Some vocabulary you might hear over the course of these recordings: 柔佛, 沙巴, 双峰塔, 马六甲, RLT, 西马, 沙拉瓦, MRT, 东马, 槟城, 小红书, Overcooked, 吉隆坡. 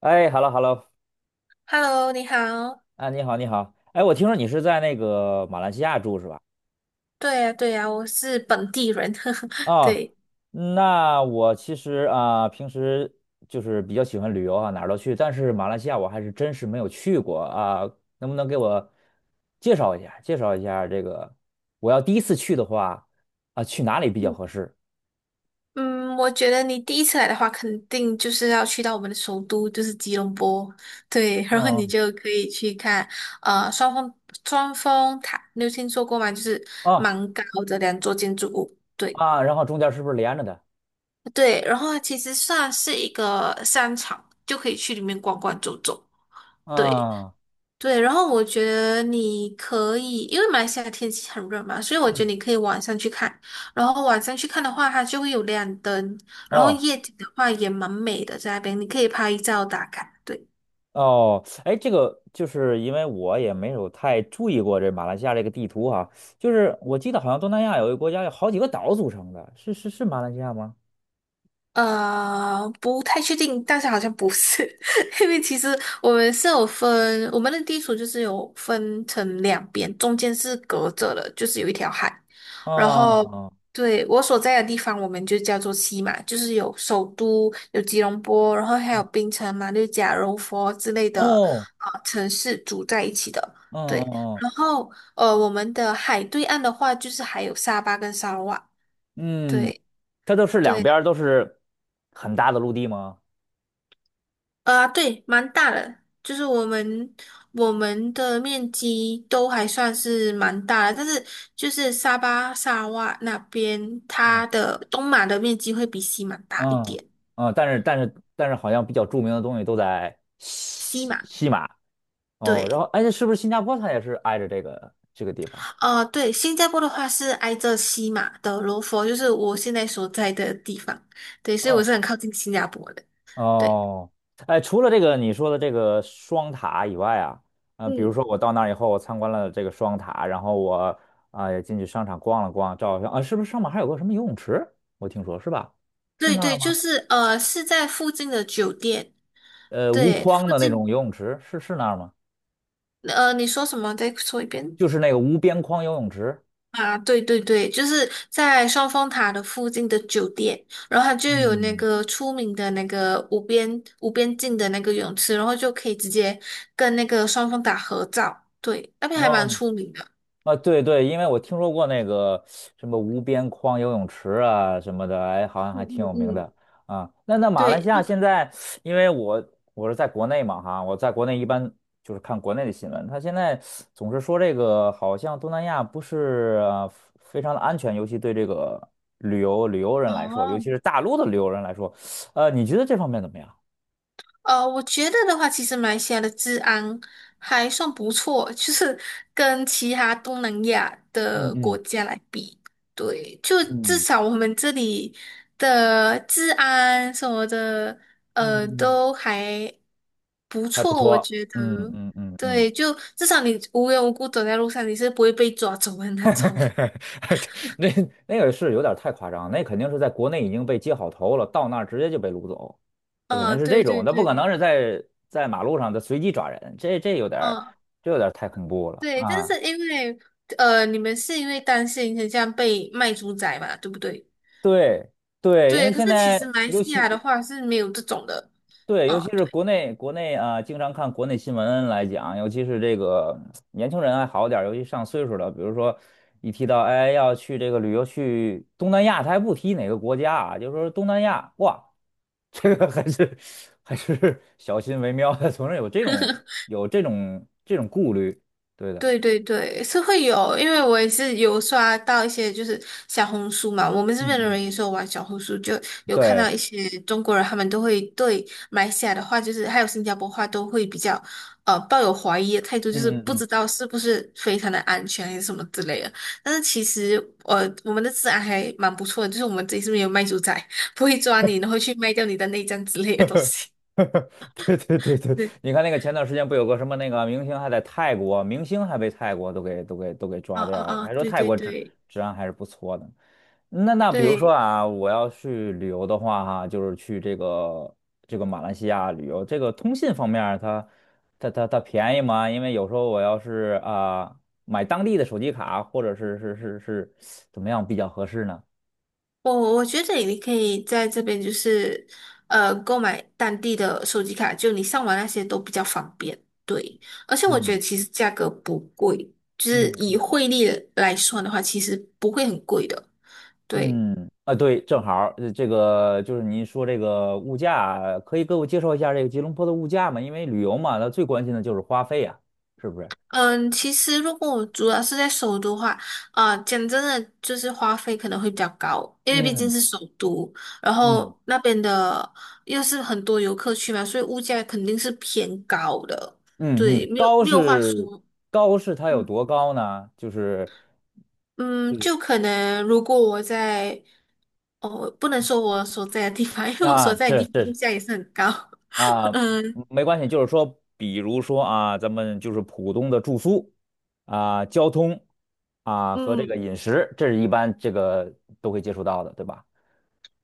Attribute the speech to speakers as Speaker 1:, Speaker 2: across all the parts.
Speaker 1: 哎，hello hello。
Speaker 2: Hello，你好。
Speaker 1: 啊，你好你好。哎，我听说你是在那个马来西亚住是吧？
Speaker 2: 对呀，对呀，我是本地人，呵呵，
Speaker 1: 啊，
Speaker 2: 对。
Speaker 1: 那我其实平时就是比较喜欢旅游啊，哪儿都去，但是马来西亚我还是真是没有去过啊，能不能给我介绍一下这个，我要第一次去的话啊，去哪里比较
Speaker 2: 嗯，
Speaker 1: 合适？
Speaker 2: 嗯我觉得你第一次来的话，肯定就是要去到我们的首都，就是吉隆坡。对，然后你
Speaker 1: 嗯
Speaker 2: 就可以去看，呃，双峰双峰塔，你有听说过吗？就是
Speaker 1: 啊，
Speaker 2: 蛮高的2座建筑物。对
Speaker 1: 然后中间是不是连着的？
Speaker 2: 对，然后它其实算是一个商场，就可以去里面逛逛走走。对，
Speaker 1: 啊。
Speaker 2: 对，然后我觉得你可以，因为马来西亚天气很热嘛，所以我觉
Speaker 1: 嗯。
Speaker 2: 得你可以晚上去看。然后晚上去看的话，它就会有亮灯，然后
Speaker 1: 哦。
Speaker 2: 夜景的话也蛮美的，在那边你可以拍照打卡。对。
Speaker 1: 哦，哎，这个就是因为我也没有太注意过这马来西亚这个地图哈，就是我记得好像东南亚有一个国家有好几个岛组成的，是马来西亚吗？
Speaker 2: 不太确定，但是好像不是，因为其实我们是有分，我们的地处就是有分成两边，中间是隔着的，就是有一条海。然
Speaker 1: 啊。
Speaker 2: 后，对，我所在的地方，我们就叫做西马，就是有首都，有吉隆坡，然后还有槟城、马六甲、柔佛之类的
Speaker 1: 哦。
Speaker 2: 城市组在一起的。
Speaker 1: 嗯
Speaker 2: 对，
Speaker 1: 嗯
Speaker 2: 然后我们的海对岸的话，就是还有沙巴跟沙拉瓦。
Speaker 1: 嗯，嗯，
Speaker 2: 对。
Speaker 1: 它都是两边儿都是很大的陆地吗？
Speaker 2: 对，蛮大的，就是我们的面积都还算是蛮大的，但是就是沙巴、沙拉哇那边，它
Speaker 1: 嗯
Speaker 2: 的东马的面积会比西马大一
Speaker 1: 嗯
Speaker 2: 点。
Speaker 1: 嗯，但是好像比较著名的东西都在
Speaker 2: 西
Speaker 1: 西
Speaker 2: 马，
Speaker 1: 西马哦，然后
Speaker 2: 对，
Speaker 1: 哎，是不是新加坡它也是挨着这个地方？
Speaker 2: 对，新加坡的话是挨着西马的罗佛，就是我现在所在的地方，对，所以我
Speaker 1: 哦。
Speaker 2: 是很靠近新加坡的。对，
Speaker 1: 哦，哎，除了这个你说的这个双塔以外啊，比如
Speaker 2: 嗯，
Speaker 1: 说我到那儿以后，我参观了这个双塔，然后我也进去商场逛了逛，照了相啊，是不是上面还有个什么游泳池？我听说是吧？是
Speaker 2: 对
Speaker 1: 那
Speaker 2: 对，
Speaker 1: 儿吗？
Speaker 2: 就是是在附近的酒店，
Speaker 1: 无
Speaker 2: 对，
Speaker 1: 框
Speaker 2: 附
Speaker 1: 的那种
Speaker 2: 近，
Speaker 1: 游泳池，是那儿吗？
Speaker 2: 你说什么？再说一遍。
Speaker 1: 就是那个无边框游泳池。
Speaker 2: 啊，对对对，就是在双峰塔的附近的酒店，然后它就有那
Speaker 1: 嗯，
Speaker 2: 个出名的那个无边境的那个泳池，然后就可以直接跟那个双峰塔合照。对，那边还蛮
Speaker 1: 哦，
Speaker 2: 出名的。
Speaker 1: 啊，对对，因为我听说过那个什么无边框游泳池啊什么的，哎，好像
Speaker 2: 嗯
Speaker 1: 还挺
Speaker 2: 嗯
Speaker 1: 有名
Speaker 2: 嗯，
Speaker 1: 的啊。那马来西
Speaker 2: 对，
Speaker 1: 亚现在，因为我是在国内嘛哈，我在国内一般就是看国内的新闻，他现在总是说这个好像东南亚不是非常的安全，尤其对这个旅游人来说，尤
Speaker 2: 哦，
Speaker 1: 其是大陆的旅游人来说，你觉得这方面怎么样？
Speaker 2: 我觉得的话，其实马来西亚的治安还算不错，就是跟其他东南亚
Speaker 1: 嗯
Speaker 2: 的国
Speaker 1: 嗯
Speaker 2: 家来比，对，就至
Speaker 1: 嗯
Speaker 2: 少我们这里的治安什么的，
Speaker 1: 嗯嗯，
Speaker 2: 都还不
Speaker 1: 还不
Speaker 2: 错，我
Speaker 1: 错，
Speaker 2: 觉得。
Speaker 1: 嗯嗯嗯嗯。
Speaker 2: 对，就至少你无缘无故走在路上，你是不会被抓走的那种。
Speaker 1: 那那个是有点太夸张，那肯定是在国内已经被接好头了，到那儿直接就被掳走，那可能
Speaker 2: 嗯，
Speaker 1: 是这
Speaker 2: 对
Speaker 1: 种，
Speaker 2: 对
Speaker 1: 那不可
Speaker 2: 对，
Speaker 1: 能是在马路上的随机抓人，这这有点儿
Speaker 2: 嗯，
Speaker 1: 这有点儿太恐怖了
Speaker 2: 对，但
Speaker 1: 啊！
Speaker 2: 是因为你们是因为担心很像被卖猪仔嘛，对不对？
Speaker 1: 对对，因为
Speaker 2: 对，可
Speaker 1: 现
Speaker 2: 是其实
Speaker 1: 在
Speaker 2: 马来
Speaker 1: 尤
Speaker 2: 西
Speaker 1: 其
Speaker 2: 亚的话是没有这种的，
Speaker 1: 对，
Speaker 2: 嗯，
Speaker 1: 尤其是国内经常看国内新闻来讲，尤其是这个年轻人还好点儿，尤其上岁数的，比如说一提到哎要去这个旅游去东南亚，他还不提哪个国家啊，就说东南亚，哇，这个还是小心为妙的，总是有这种顾虑，对的，
Speaker 2: 对对对，是会有，因为我也是有刷到一些就是小红书嘛，我们这
Speaker 1: 嗯
Speaker 2: 边的
Speaker 1: 嗯，
Speaker 2: 人也是有玩小红书，就有看
Speaker 1: 对。
Speaker 2: 到一些中国人，他们都会对马来西亚的话，就是还有新加坡话都会比较抱有怀疑的态度，就是
Speaker 1: 嗯嗯
Speaker 2: 不
Speaker 1: 嗯。
Speaker 2: 知道是不是非常的安全还是什么之类的。但是其实我们的治安还蛮不错的，就是我们这里是不是有卖猪仔，不会抓你，然后去卖掉你的内脏之类的东西。
Speaker 1: 对对对对，你看那个前段时间不有个什么那个明星还在泰国，明星还被泰国都给
Speaker 2: 啊
Speaker 1: 抓
Speaker 2: 啊
Speaker 1: 掉了，
Speaker 2: 啊！
Speaker 1: 还说
Speaker 2: 对
Speaker 1: 泰
Speaker 2: 对
Speaker 1: 国
Speaker 2: 对
Speaker 1: 治安还是不错的。那比如说
Speaker 2: 对，
Speaker 1: 啊，我要去旅游的话哈，就是去这个马来西亚旅游，这个通信方面儿它便宜吗？因为有时候我要是买当地的手机卡，或者是怎么样比较合适呢？
Speaker 2: 我觉得你可以在这边就是购买当地的手机卡，就你上网那些都比较方便。对，而且我觉
Speaker 1: 嗯
Speaker 2: 得其实价格不贵，就是以
Speaker 1: 嗯
Speaker 2: 汇率来算的话，其实不会很贵的。对。
Speaker 1: 嗯，啊，对，正好儿这个就是您说这个物价，可以给我介绍一下这个吉隆坡的物价吗？因为旅游嘛，那最关心的就是花费呀，是不是？
Speaker 2: 嗯，其实如果我主要是在首都的话，啊、讲真的，就是花费可能会比较高，因为毕竟
Speaker 1: 嗯
Speaker 2: 是首都，然
Speaker 1: 嗯
Speaker 2: 后那边的又是很多游客去嘛，所以物价肯定是偏高的，
Speaker 1: 嗯
Speaker 2: 对，
Speaker 1: 嗯，
Speaker 2: 没有
Speaker 1: 高
Speaker 2: 没有话
Speaker 1: 是
Speaker 2: 说。
Speaker 1: 高是它有
Speaker 2: 嗯
Speaker 1: 多高呢？就是
Speaker 2: 嗯，
Speaker 1: 就是
Speaker 2: 就可能如果我在，哦，不能说我所在的地方，因为我
Speaker 1: 啊，
Speaker 2: 所在的
Speaker 1: 是
Speaker 2: 地方物
Speaker 1: 是
Speaker 2: 价也是很高。
Speaker 1: 啊，
Speaker 2: 嗯
Speaker 1: 没关系，就是说，比如说啊，咱们就是普通的住宿啊、交通啊和这
Speaker 2: 嗯。
Speaker 1: 个饮食，这是一般这个都会接触到的，对吧？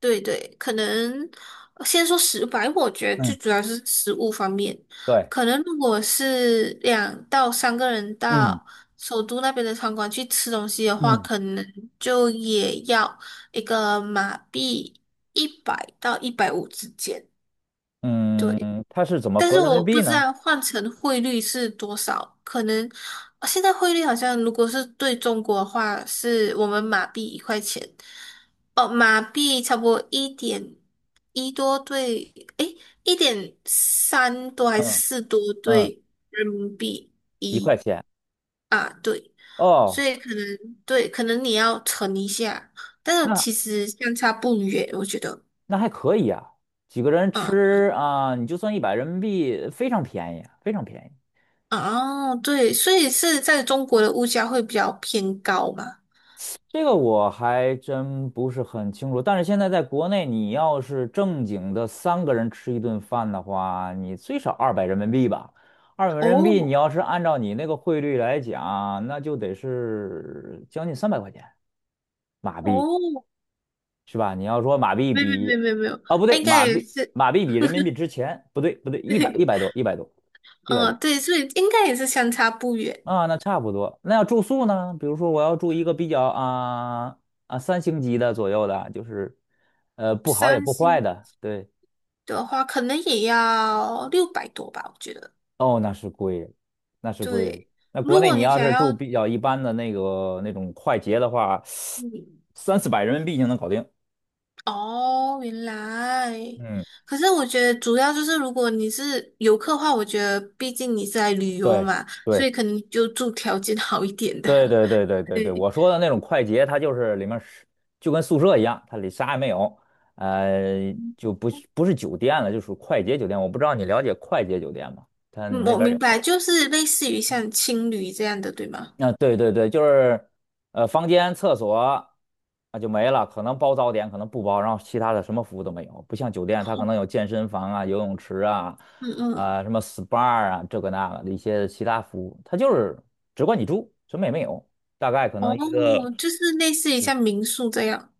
Speaker 2: 对对，可能先说食白，我觉得
Speaker 1: 嗯，
Speaker 2: 最主要是食物方面。
Speaker 1: 对，
Speaker 2: 可能如果是2到3个人
Speaker 1: 嗯。
Speaker 2: 到首都那边的餐馆去吃东西的话，
Speaker 1: 嗯
Speaker 2: 可能就也要一个马币100到150之间。对，
Speaker 1: 嗯，它是怎么
Speaker 2: 但是
Speaker 1: 合人民
Speaker 2: 我不
Speaker 1: 币
Speaker 2: 知
Speaker 1: 呢？
Speaker 2: 道换成汇率是多少，可能现在汇率好像如果是对中国的话，是我们马币1块钱，哦，马币差不多1.1多对，诶，1.3多还是
Speaker 1: 嗯
Speaker 2: 四多
Speaker 1: 嗯，
Speaker 2: 对人民币
Speaker 1: 一块
Speaker 2: 一
Speaker 1: 钱
Speaker 2: 啊，对，所
Speaker 1: 哦。
Speaker 2: 以可能对，可能你要乘一下，但是
Speaker 1: 那
Speaker 2: 其实相差不远，我觉得，
Speaker 1: 那还可以啊，几个人
Speaker 2: 啊。
Speaker 1: 吃啊，你就算一百人民币，非常便宜，非常便宜。
Speaker 2: 哦，对，所以是在中国的物价会比较偏高嘛？
Speaker 1: 这个我还真不是很清楚，但是现在在国内，你要是正经的三个人吃一顿饭的话，你最少二百人民币吧。二百人民币，你
Speaker 2: 哦
Speaker 1: 要是按照你那个汇率来讲，那就得是将近300块钱马币。
Speaker 2: 哦，
Speaker 1: 是吧？你要说马币
Speaker 2: 没有没
Speaker 1: 比，
Speaker 2: 有没有没有，
Speaker 1: 啊不对，
Speaker 2: 应该
Speaker 1: 马
Speaker 2: 也
Speaker 1: 币
Speaker 2: 是，
Speaker 1: 马币比人民币值钱，不对不对，一百多
Speaker 2: 嗯，对，所以应该也是相差不远。
Speaker 1: 啊，那差不多。那要住宿呢？比如说我要住一个比较三星级的左右的，就是不好也
Speaker 2: 三
Speaker 1: 不坏
Speaker 2: 星
Speaker 1: 的，对。
Speaker 2: 的话，可能也要600多吧，我觉得。
Speaker 1: 哦，那是贵了，那是贵了。
Speaker 2: 对，
Speaker 1: 那国
Speaker 2: 如
Speaker 1: 内
Speaker 2: 果
Speaker 1: 你
Speaker 2: 你
Speaker 1: 要
Speaker 2: 想
Speaker 1: 是住
Speaker 2: 要，
Speaker 1: 比较一般的那种快捷的话，
Speaker 2: 嗯，
Speaker 1: 三四百人民币就能搞定。
Speaker 2: 哦，原来，
Speaker 1: 嗯，
Speaker 2: 可是我觉得主要就是如果你是游客的话，我觉得毕竟你是来旅游
Speaker 1: 对。
Speaker 2: 嘛，所
Speaker 1: 对。
Speaker 2: 以可能就住条件好一点的，
Speaker 1: 对对对对 对对，
Speaker 2: 对。
Speaker 1: 我说的那种快捷，它就是里面是就跟宿舍一样，它里啥也没有，就不是酒店了，就属于快捷酒店。我不知道你了解快捷酒店吗？它
Speaker 2: 嗯，
Speaker 1: 那
Speaker 2: 我
Speaker 1: 边有
Speaker 2: 明
Speaker 1: 没
Speaker 2: 白，就是类似于像青旅这样的，对吗？
Speaker 1: 有啊，对对对，就是房间、厕所啊就没了，可能包早点，可能不包，然后其他的什么服务都没有。不像酒店，它可能有
Speaker 2: 哦
Speaker 1: 健身房啊、游泳池啊、
Speaker 2: 嗯嗯，
Speaker 1: 什么 SPA 啊，这个那个的一些其他服务，它就是只管你住，什么也没有。大概可能
Speaker 2: 哦，就是类似于像民宿这样。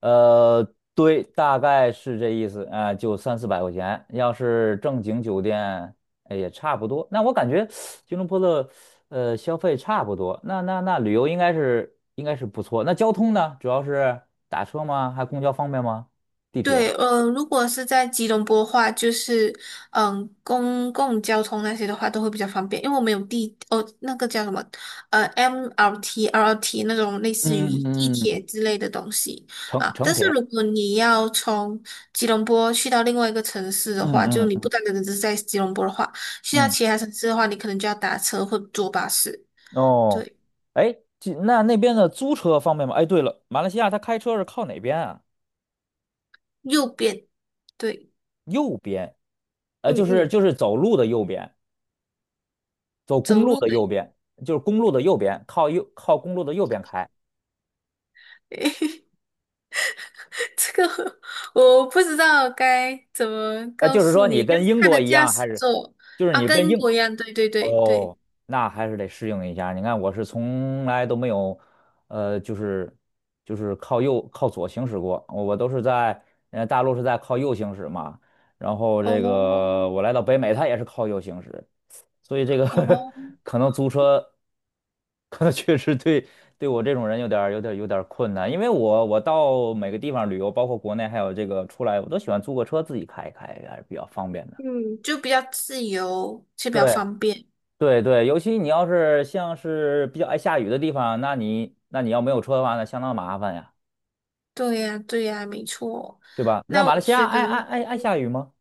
Speaker 1: 呃，对，大概是这意思，就三四百块钱。要是正经酒店，哎，也差不多。那我感觉吉隆坡的消费差不多，那旅游应该是不错。那交通呢？主要是打车吗？还公交方便吗？地铁、
Speaker 2: 对，如果是在吉隆坡的话，就是公共交通那些的话都会比较方便，因为我们有地哦，那个叫什么MRT、RLT 那种类似
Speaker 1: 嗯
Speaker 2: 于
Speaker 1: 嗯
Speaker 2: 地
Speaker 1: 嗯嗯
Speaker 2: 铁之类的东西
Speaker 1: 城
Speaker 2: 啊。
Speaker 1: 城
Speaker 2: 但是
Speaker 1: 铁？
Speaker 2: 如果你要从吉隆坡去到另外一个城市的
Speaker 1: 嗯
Speaker 2: 话，就
Speaker 1: 嗯
Speaker 2: 你不
Speaker 1: 嗯
Speaker 2: 单单只是在吉隆坡的话，去到
Speaker 1: 嗯。
Speaker 2: 其他城市的话，你可能就要打车或坐巴士。
Speaker 1: 哦，
Speaker 2: 对，
Speaker 1: 哎，那那边的租车方便吗？哎，对了，马来西亚他开车是靠哪边啊？
Speaker 2: 右边，对，
Speaker 1: 右边，
Speaker 2: 嗯
Speaker 1: 就是
Speaker 2: 嗯，
Speaker 1: 就是走路的右边。走公
Speaker 2: 走
Speaker 1: 路
Speaker 2: 路
Speaker 1: 的
Speaker 2: 的。
Speaker 1: 右边，就是公路的右边，靠右靠公路的右边开。
Speaker 2: 这个我不知道该怎么告
Speaker 1: 就是
Speaker 2: 诉
Speaker 1: 说你
Speaker 2: 你，但
Speaker 1: 跟
Speaker 2: 是
Speaker 1: 英
Speaker 2: 它的
Speaker 1: 国一
Speaker 2: 驾
Speaker 1: 样，还
Speaker 2: 驶
Speaker 1: 是
Speaker 2: 座
Speaker 1: 就是
Speaker 2: 啊，
Speaker 1: 你
Speaker 2: 跟
Speaker 1: 跟
Speaker 2: 英
Speaker 1: 英
Speaker 2: 国一样，对对对对，
Speaker 1: 哦，那还是得适应一下。你看，我是从来都没有，呃，就是就是靠右靠左行驶过，我都是大陆是在靠右行驶嘛。然后这
Speaker 2: 哦
Speaker 1: 个我来到北美，它也是靠右行驶，所以这个
Speaker 2: 哦，
Speaker 1: 可能租车 可能确实对我这种人有点儿困难，因为我到每个地方旅游，包括国内还有这个出来，我都喜欢租个车自己开一开，还是比较方便的。
Speaker 2: 嗯，就比较自由，就比较
Speaker 1: 对
Speaker 2: 方便。
Speaker 1: 对，对，尤其你要是像是比较爱下雨的地方，那你要没有车的话，那相当麻烦呀，
Speaker 2: 对呀，对呀，没错。
Speaker 1: 对吧？那
Speaker 2: 那我
Speaker 1: 马来西亚
Speaker 2: 觉得
Speaker 1: 爱下雨吗？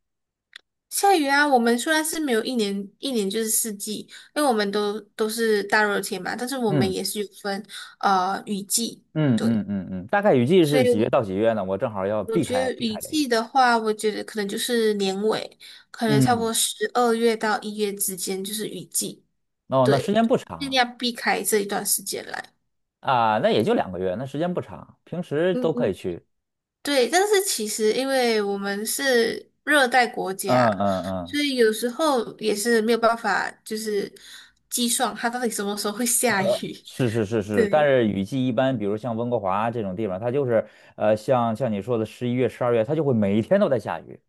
Speaker 2: 下雨啊，我们虽然是没有一年一年就是四季，因为我们都是大热天嘛，但是我们
Speaker 1: 嗯
Speaker 2: 也是有分雨季，
Speaker 1: 嗯嗯
Speaker 2: 对，
Speaker 1: 嗯嗯，大概雨季
Speaker 2: 所
Speaker 1: 是几月
Speaker 2: 以。
Speaker 1: 到几月呢？我正好要
Speaker 2: 我
Speaker 1: 避
Speaker 2: 觉
Speaker 1: 开
Speaker 2: 得
Speaker 1: 避
Speaker 2: 雨
Speaker 1: 开这个。
Speaker 2: 季的话，我觉得可能就是年尾，可能差不
Speaker 1: 嗯，
Speaker 2: 多12月到1月之间就是雨季，
Speaker 1: 哦，那时
Speaker 2: 对，
Speaker 1: 间不
Speaker 2: 尽
Speaker 1: 长
Speaker 2: 量避开这一段时间来。
Speaker 1: 啊。啊，那也就2个月，那时间不长，平时
Speaker 2: 嗯
Speaker 1: 都可
Speaker 2: 嗯，
Speaker 1: 以去。
Speaker 2: 对，但是其实因为我们是热带国家，
Speaker 1: 嗯嗯嗯，
Speaker 2: 所以有时候也是没有办法，就是计算它到底什么时候会下雨。
Speaker 1: 是是是 是，但
Speaker 2: 对，
Speaker 1: 是雨季一般，比如像温哥华这种地方，它就是像你说的11月、12月，它就会每一天都在下雨，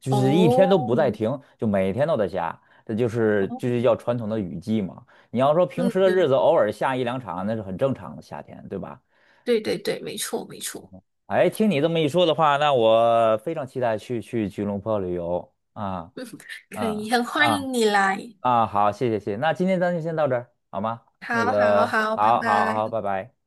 Speaker 1: 就是一天都不带
Speaker 2: 哦，
Speaker 1: 停，就每天都在下，这就是
Speaker 2: 哦，
Speaker 1: 就是叫传统的雨季嘛。你要说平时
Speaker 2: 嗯，
Speaker 1: 的日
Speaker 2: 对，
Speaker 1: 子偶尔下一两场，那是很正常的夏天，对吧？
Speaker 2: 对对对，没错没错，
Speaker 1: 哎，听你这么一说的话，那我非常期待去吉隆坡旅游啊
Speaker 2: 可
Speaker 1: 啊
Speaker 2: 以，很欢
Speaker 1: 啊
Speaker 2: 迎你来。
Speaker 1: 啊！好，谢谢谢谢，那今天咱就先到这儿好吗？那
Speaker 2: 好好
Speaker 1: 个，
Speaker 2: 好，拜
Speaker 1: 好好好，
Speaker 2: 拜。
Speaker 1: 拜拜。